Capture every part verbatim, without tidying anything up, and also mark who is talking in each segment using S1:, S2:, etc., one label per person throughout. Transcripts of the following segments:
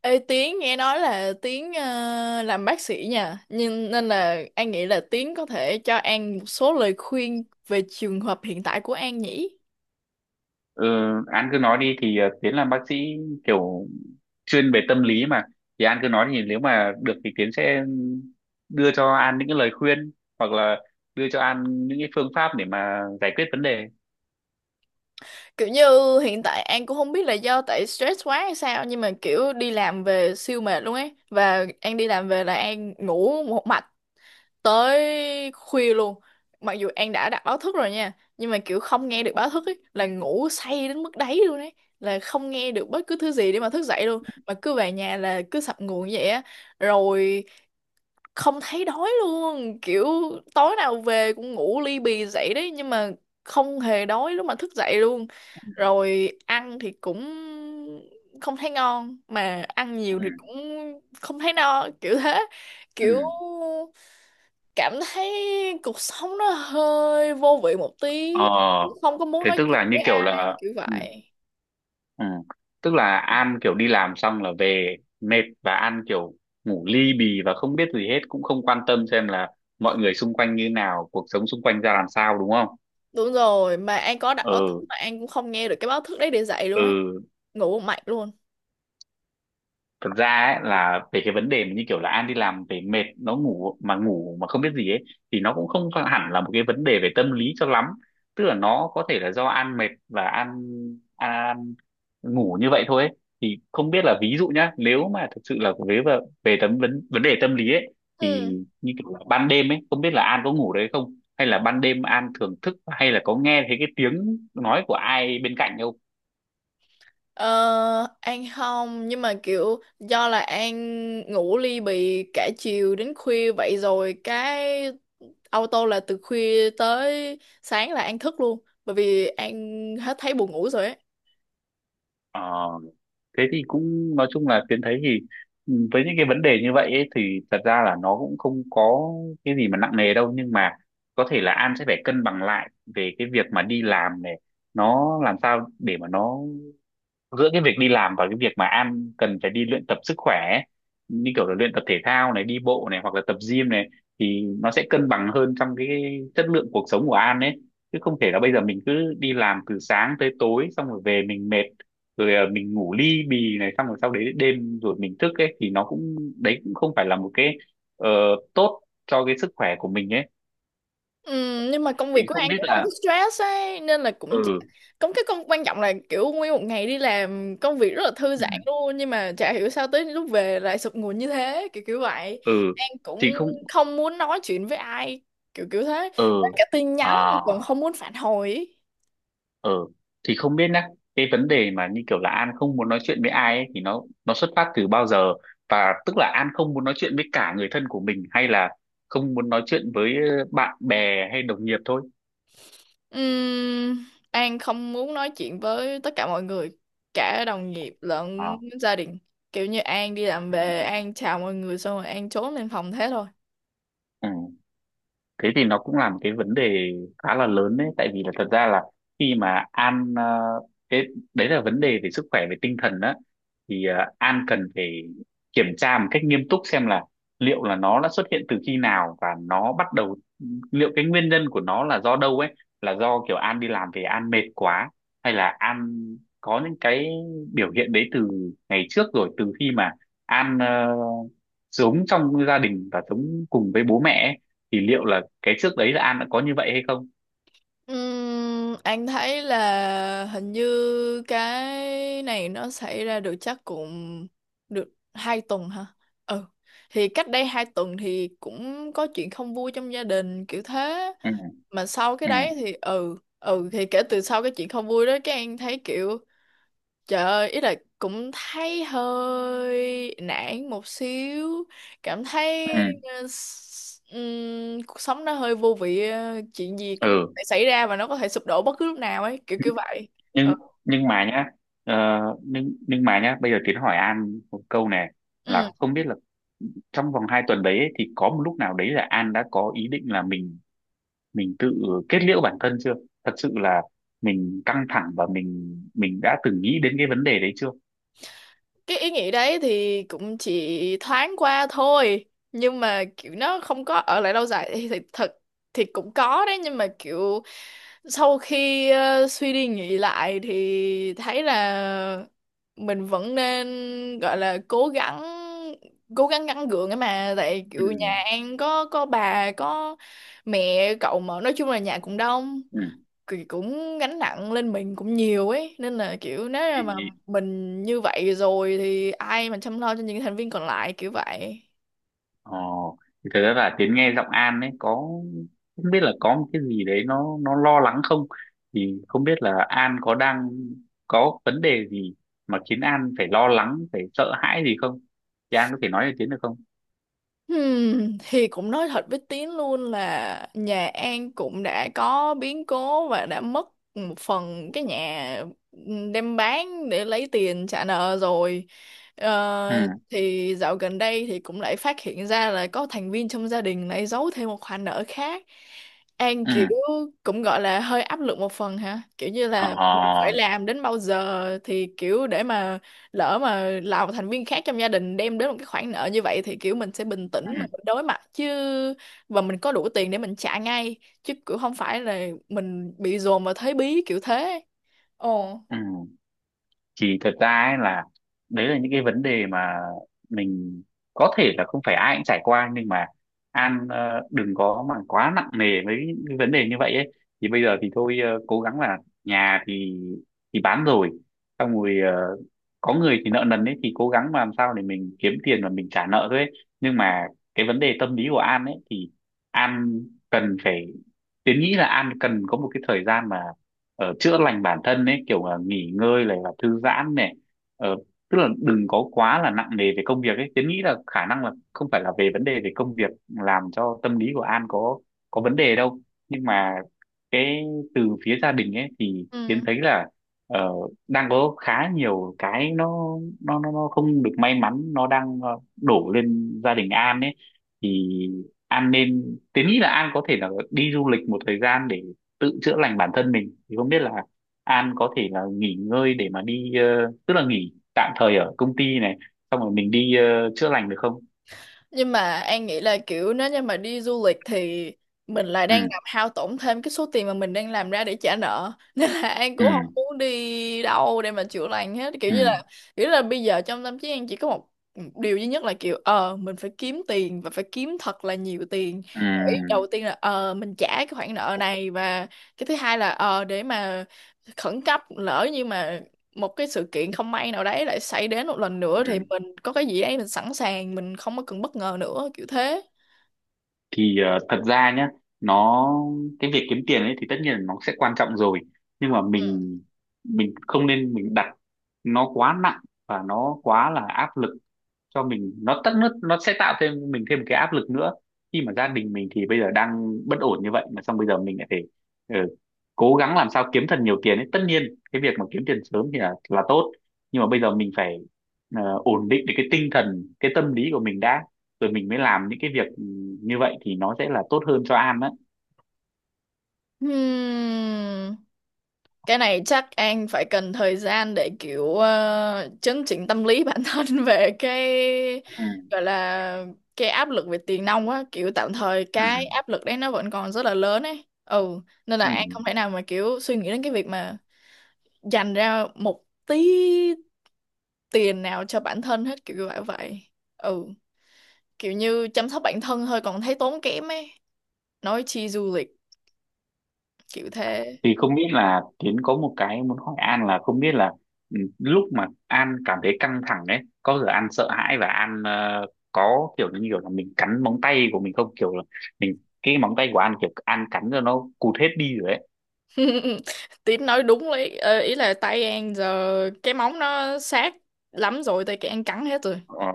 S1: Ê Tiến, nghe nói là Tiến ờ, làm bác sĩ nha, nhưng nên là An nghĩ là Tiến có thể cho An một số lời khuyên về trường hợp hiện tại của An nhỉ.
S2: Ừ. An cứ nói đi, thì ờ, Tiến làm bác sĩ, kiểu chuyên về tâm lý mà. Thì An cứ nói, thì nếu mà được thì Tiến sẽ đưa cho An những cái lời khuyên, hoặc là đưa cho An những cái phương pháp để mà giải quyết vấn đề.
S1: Kiểu như hiện tại An cũng không biết là do tại stress quá hay sao, nhưng mà kiểu đi làm về siêu mệt luôn ấy, và An đi làm về là An ngủ một mạch tới khuya luôn. Mặc dù An đã đặt báo thức rồi nha, nhưng mà kiểu không nghe được báo thức ấy, là ngủ say đến mức đấy luôn ấy, là không nghe được bất cứ thứ gì để mà thức dậy luôn, mà cứ về nhà là cứ sập nguồn như vậy á. Rồi không thấy đói luôn, kiểu tối nào về cũng ngủ ly bì dậy đấy, nhưng mà không hề đói lúc mà thức dậy luôn. Rồi ăn thì cũng không thấy ngon, mà ăn nhiều
S2: Ừ.
S1: thì cũng không thấy no kiểu thế.
S2: Ừ.
S1: Kiểu cảm thấy cuộc sống nó hơi vô vị một tí,
S2: Ờ.
S1: cũng không có muốn
S2: Thế
S1: nói
S2: tức
S1: chuyện
S2: là như
S1: với
S2: kiểu
S1: ai
S2: là.
S1: kiểu
S2: Ừ.
S1: vậy.
S2: Ừ. Tức là An kiểu đi làm xong là về mệt, và An kiểu ngủ ly bì và không biết gì hết, cũng không quan tâm xem là mọi người xung quanh như nào, cuộc sống xung quanh ra làm sao, đúng không?
S1: Đúng rồi, mà An có đặt báo thức
S2: Ừ.
S1: mà An cũng không nghe được cái báo thức đấy để dậy
S2: Ừ.
S1: luôn ấy, ngủ một mạch luôn.
S2: Thực ra ấy, là về cái vấn đề mà như kiểu là An đi làm về mệt, nó ngủ mà ngủ mà không biết gì ấy, thì nó cũng không phải hẳn là một cái vấn đề về tâm lý cho lắm. Tức là nó có thể là do An mệt và An An ngủ như vậy thôi ấy. Thì không biết là, ví dụ nhá, nếu mà thực sự là về về, về tấm vấn vấn đề tâm lý ấy,
S1: Ừ.
S2: thì như kiểu là ban đêm ấy, không biết là An có ngủ đấy không, hay là ban đêm An thường thức, hay là có nghe thấy cái tiếng nói của ai bên cạnh không?
S1: ờ, An không, nhưng mà kiểu do là An ngủ ly bì cả chiều đến khuya vậy rồi, cái auto là từ khuya tới sáng là An thức luôn, bởi vì An hết thấy buồn ngủ rồi ấy.
S2: Ờ, thế thì cũng nói chung là Tiến thấy thì, ừ, với những cái vấn đề như vậy ấy, thì thật ra là nó cũng không có cái gì mà nặng nề đâu, nhưng mà có thể là An sẽ phải cân bằng lại về cái việc mà đi làm này, nó làm sao để mà nó giữa cái việc đi làm và cái việc mà An cần phải đi luyện tập sức khỏe ấy, như kiểu là luyện tập thể thao này, đi bộ này, hoặc là tập gym này, thì nó sẽ cân bằng hơn trong cái chất lượng cuộc sống của An ấy. Chứ không thể là bây giờ mình cứ đi làm từ sáng tới tối, xong rồi về mình mệt, rồi à, mình ngủ li bì này, xong rồi sau đấy đêm rồi mình thức ấy, thì nó cũng đấy, cũng không phải là một cái ờ, tốt cho cái sức khỏe của mình ấy.
S1: Ừ, nhưng mà công việc
S2: Thì
S1: của
S2: không
S1: An
S2: biết
S1: cũng không
S2: là,
S1: có stress ấy, nên là cũng chỉ-
S2: ừ,
S1: cũng cái công quan trọng là kiểu nguyên một ngày đi làm công việc rất là thư
S2: ừ,
S1: giãn luôn, nhưng mà chả hiểu sao tới lúc về lại sụp nguồn như thế, kiểu kiểu vậy.
S2: ừ.
S1: An
S2: Thì
S1: cũng
S2: không,
S1: không muốn nói chuyện với ai, kiểu kiểu thế. Và
S2: ừ,
S1: cả tin nhắn tôi
S2: à,
S1: còn không muốn phản hồi ấy.
S2: ờ thì không biết nhá, cái vấn đề mà như kiểu là An không muốn nói chuyện với ai ấy, thì nó nó xuất phát từ bao giờ, và tức là An không muốn nói chuyện với cả người thân của mình, hay là không muốn nói chuyện với ờ, bạn bè hay đồng nghiệp thôi?
S1: Ừm, An không muốn nói chuyện với tất cả mọi người, cả đồng nghiệp lẫn
S2: À.
S1: gia đình. Kiểu như An đi làm về, An chào mọi người xong rồi An trốn lên phòng thế thôi.
S2: Ừ. Thế thì nó cũng là một cái vấn đề khá là lớn đấy, tại vì là thật ra là khi mà An ờ, cái đấy là vấn đề về sức khỏe về tinh thần đó, thì ờ, An cần phải kiểm tra một cách nghiêm túc xem là liệu là nó đã xuất hiện từ khi nào, và nó bắt đầu, liệu cái nguyên nhân của nó là do đâu ấy. Là do kiểu An đi làm về An mệt quá, hay là An có những cái biểu hiện đấy từ ngày trước rồi, từ khi mà An ờ, sống trong gia đình và sống cùng với bố mẹ ấy, thì liệu là cái trước đấy là An đã có như vậy hay không?
S1: Ừm, anh thấy là hình như cái này nó xảy ra được chắc cũng được hai tuần hả? Ừ. Thì cách đây hai tuần thì cũng có chuyện không vui trong gia đình kiểu thế.
S2: Ừ.
S1: Mà sau cái
S2: Ừ.
S1: đấy thì ừ, ừ thì kể từ sau cái chuyện không vui đó, cái anh thấy kiểu trời ơi, ý là cũng thấy hơi nản một xíu, cảm thấy
S2: Ừ.
S1: ờ, s- ừm, cuộc sống nó hơi vô vị, ờ, chuyện gì cũng có
S2: Ừ.
S1: thể xảy ra và nó có thể sụp đổ bất cứ lúc nào ấy, kiểu kiểu vậy.
S2: nhưng nhưng mà nhá ờ, nhưng nhưng mà nhá, bây giờ Tiến hỏi An một câu này, là
S1: Ừ.
S2: không biết là trong vòng hai tuần đấy ấy, thì có một lúc nào đấy là An đã có ý định là mình mình tự kết liễu bản thân chưa? Thật sự là mình căng thẳng và mình mình đã từng nghĩ đến cái vấn đề đấy chưa?
S1: Cái ý nghĩ đấy thì cũng chỉ thoáng qua thôi, nhưng mà kiểu nó không có ở lại lâu dài. Thì, thì thật thì cũng có đấy, nhưng mà kiểu sau khi ờ, suy đi nghĩ lại thì thấy là mình vẫn nên gọi là cố gắng, cố gắng gắng gượng ấy mà, tại kiểu
S2: Ừ.
S1: nhà An có có bà có mẹ cậu, mà nói chung là nhà cũng đông thì cũng gánh nặng lên mình cũng nhiều ấy, nên là kiểu nếu
S2: Ừ.
S1: mà mình như vậy rồi thì ai mà chăm lo cho những thành viên còn lại, kiểu vậy.
S2: Ồ, thì thật ra là Tiến nghe giọng An ấy, có không biết là có một cái gì đấy nó nó lo lắng không? Thì không biết là An có đang có vấn đề gì mà khiến An phải lo lắng, phải sợ hãi gì không, thì An có thể nói cho Tiến được không?
S1: Hmm, thì cũng nói thật với Tiến luôn là nhà An cũng đã có biến cố và đã mất một phần cái nhà, đem bán để lấy tiền trả nợ rồi.
S2: Ừ.
S1: Ờ, thì dạo gần đây thì cũng lại phát hiện ra là có thành viên trong gia đình lại giấu thêm một khoản nợ khác. An kiểu
S2: Ừ.
S1: cũng gọi là hơi áp lực một phần hả? Kiểu như là mình phải
S2: Ờ.
S1: làm đến bao giờ thì kiểu, để mà lỡ mà là một thành viên khác trong gia đình đem đến một cái khoản nợ như vậy, thì kiểu mình sẽ bình tĩnh mà
S2: Ừ.
S1: mình đối mặt chứ, và mình có đủ tiền để mình trả ngay, chứ kiểu không phải là mình bị dồn vào thế bí kiểu thế. Ồ.
S2: Ừ. Thì thật ra ấy, là đấy là những cái vấn đề mà mình có thể là không phải ai cũng trải qua, nhưng mà An ờ, đừng có mà quá nặng nề với cái vấn đề như vậy ấy. Thì bây giờ thì thôi, ờ, cố gắng là, nhà thì thì bán rồi, xong rồi, ờ, có người thì nợ nần ấy, thì cố gắng mà làm sao để mình kiếm tiền và mình trả nợ thôi ấy. Nhưng mà cái vấn đề tâm lý của An ấy, thì An cần phải, Tiến nghĩ là An cần có một cái thời gian mà ờ, chữa lành bản thân ấy, kiểu là nghỉ ngơi này và thư giãn này. Ờ, tức là đừng có quá là nặng nề về công việc ấy, Tiến nghĩ là khả năng là không phải là về vấn đề về công việc làm cho tâm lý của An có có vấn đề đâu. Nhưng mà cái từ phía gia đình ấy thì
S1: Ừ,
S2: Tiến thấy là, ờ, đang có khá nhiều cái nó nó nó nó không được may mắn nó đang ờ, đổ lên gia đình An ấy. Thì An nên, tớ nghĩ là An có thể là đi du lịch một thời gian để tự chữa lành bản thân mình. Thì không biết là An có thể là nghỉ ngơi để mà đi ờ, tức là nghỉ tạm thời ở công ty này, xong rồi mình đi ờ, chữa lành được không?
S1: nhưng mà An nghĩ là kiểu nếu như mà đi du lịch thì mình lại
S2: Ừ.
S1: đang làm hao tổn thêm cái số tiền mà mình đang làm ra để trả nợ nên là An
S2: Ừ.
S1: cũng không muốn đi đâu để mà chữa lành hết, kiểu
S2: Ừ.
S1: như là kiểu là bây giờ trong tâm trí An chỉ có một điều duy nhất là kiểu ờ mình phải kiếm tiền và phải kiếm thật là nhiều tiền để,
S2: Ừ.
S1: đầu tiên là ờ mình trả cái khoản nợ này, và cái thứ hai là ờ để mà khẩn cấp lỡ như mà một cái sự kiện không may nào đấy lại xảy đến một lần
S2: Ừ.
S1: nữa, thì mình có cái gì đấy mình sẵn sàng, mình không có cần bất ngờ nữa, kiểu thế.
S2: Thì ờ, thật ra nhá, nó cái việc kiếm tiền ấy thì tất nhiên là nó sẽ quan trọng rồi, nhưng mà mình mình không nên mình đặt nó quá nặng và nó quá là áp lực cho mình. Nó tất, nó, nó sẽ tạo thêm mình thêm một cái áp lực nữa, khi mà gia đình mình thì bây giờ đang bất ổn như vậy, mà xong bây giờ mình lại phải ừ, cố gắng làm sao kiếm thật nhiều tiền ấy. Tất nhiên cái việc mà kiếm tiền sớm thì là là tốt, nhưng mà bây giờ mình phải ờ, ổn định được cái tinh thần, cái tâm lý của mình đã, rồi mình mới làm những cái việc ừ, như vậy thì nó sẽ là tốt hơn cho An á.
S1: Ừ. Hmm. Cái này chắc An phải cần thời gian để kiểu ờ, chấn chỉnh tâm lý bản thân về cái
S2: Ừ.
S1: gọi là cái áp lực về tiền nong á, kiểu tạm thời cái
S2: Ừ.
S1: áp lực đấy nó vẫn còn rất là lớn ấy, ừ, nên là
S2: Ừ.
S1: An không thể nào mà kiểu suy nghĩ đến cái việc mà dành ra một tí tiền nào cho bản thân hết, kiểu như vậy vậy. Ừ, kiểu như chăm sóc bản thân thôi còn thấy tốn kém ấy, nói chi du lịch kiểu thế.
S2: Thì không biết là Tiến có một cái muốn hỏi An, là không biết là ừ, lúc mà An cảm thấy căng thẳng đấy, có giờ An sợ hãi và An ờ, có kiểu như kiểu là mình cắn móng tay của mình không, kiểu là mình cái móng tay của An, kiểu An cắn cho nó cụt hết đi rồi đấy?
S1: Tín nói đúng đấy. Ờ, ý là tay An giờ cái móng nó sát lắm rồi, tay cái An cắn hết rồi.
S2: Ờ,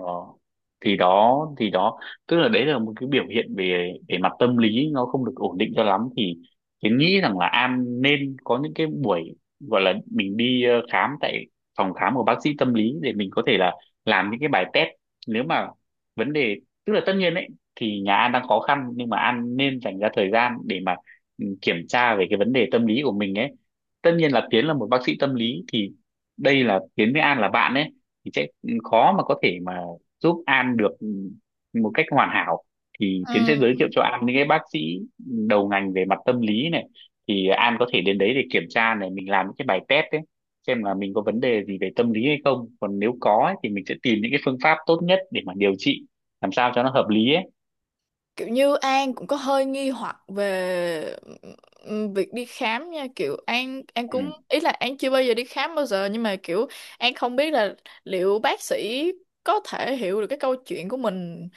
S2: thì đó thì đó, tức là đấy là một cái biểu hiện về về mặt tâm lý nó không được ổn định cho lắm, thì Yến nghĩ rằng là An nên có những cái buổi gọi là mình đi ờ, khám tại phòng khám của bác sĩ tâm lý, để mình có thể là làm những cái bài test. Nếu mà vấn đề, tức là tất nhiên ấy, thì nhà An đang khó khăn, nhưng mà An nên dành ra thời gian để mà ừ, kiểm tra về cái vấn đề tâm lý của mình ấy. Tất nhiên là Tiến là một bác sĩ tâm lý, thì đây là Tiến với An là bạn ấy, thì sẽ khó mà có thể mà giúp An được một cách hoàn hảo. Thì Tiến sẽ
S1: Ừ.
S2: giới thiệu cho An những cái bác sĩ đầu ngành về mặt tâm lý này. Thì An có thể đến đấy để kiểm tra này, mình làm những cái bài test ấy, xem là mình có vấn đề gì về tâm lý hay không. Còn nếu có ấy, thì mình sẽ tìm những cái phương pháp tốt nhất để mà điều trị, làm sao cho nó hợp lý ấy.
S1: Kiểu như An cũng có hơi nghi hoặc về, ừm, việc đi khám nha, kiểu An An
S2: Ừ.
S1: cũng ý là An chưa bao giờ đi khám bao giờ, nhưng mà kiểu An không biết là liệu bác sĩ có thể hiểu được cái câu chuyện của mình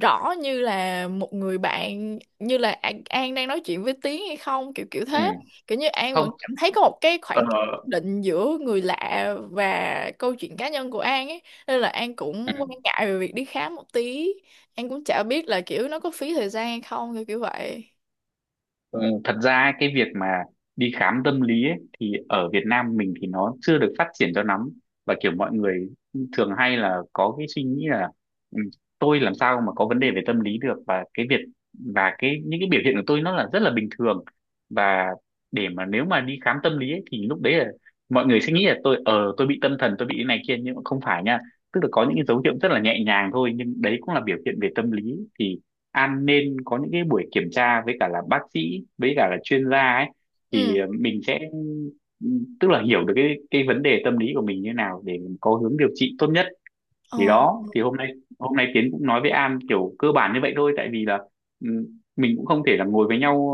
S1: rõ như là một người bạn, như là An, An đang nói chuyện với Tiến hay không, kiểu kiểu
S2: Ừ.
S1: thế. Kiểu như An vẫn
S2: Không.
S1: cảm thấy có một cái khoảng
S2: Ờ.
S1: cách nhất định giữa người lạ và câu chuyện cá nhân của An ấy, nên là An cũng quan
S2: Ừ.
S1: ngại về việc đi khám một tí. An cũng chả biết là kiểu nó có phí thời gian hay không, kiểu kiểu vậy.
S2: Ừ, thật ra ấy, cái việc mà đi khám tâm lý ấy, thì ở Việt Nam mình thì nó chưa được phát triển cho lắm, và kiểu mọi người thường hay là có cái suy nghĩ là "Ừ, tôi làm sao mà có vấn đề về tâm lý được", và cái việc và cái những cái biểu hiện của tôi nó là rất là bình thường, và để mà nếu mà đi khám tâm lý ấy, thì lúc đấy là mọi người sẽ nghĩ là tôi ờ tôi bị tâm thần, tôi bị cái này kia. Nhưng mà không phải nha, tức là có những cái dấu hiệu rất là nhẹ nhàng thôi, nhưng đấy cũng là biểu hiện về tâm lý. Thì An nên có những cái buổi kiểm tra với cả là bác sĩ, với cả là chuyên gia ấy, thì
S1: Ừ.
S2: mình sẽ, tức là hiểu được cái cái vấn đề tâm lý của mình như nào để mình có hướng điều trị tốt nhất. Thì
S1: Ờ.
S2: đó, thì hôm nay, hôm nay Tiến cũng nói với An kiểu cơ bản như vậy thôi, tại vì là ừ, mình cũng không thể là ngồi với nhau,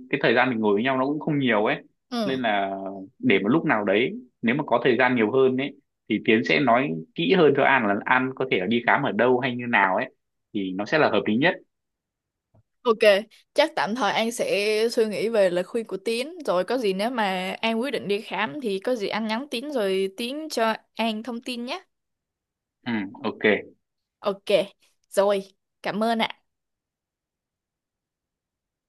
S2: ờ, cái thời gian mình ngồi với nhau nó cũng không nhiều ấy. Nên
S1: Ừ.
S2: là, để một lúc nào đấy nếu mà có thời gian nhiều hơn ấy, thì Tiến sẽ nói kỹ hơn cho An là An có thể là đi khám ở đâu hay như nào ấy, thì nó sẽ là hợp lý nhất.
S1: ô kê, chắc tạm thời An sẽ suy nghĩ về lời khuyên của Tiến, rồi có gì nếu mà An quyết định đi khám thì có gì anh nhắn Tiến, rồi Tiến cho An thông tin nhé.
S2: Ừ, ok.
S1: ô kê, rồi, cảm ơn ạ.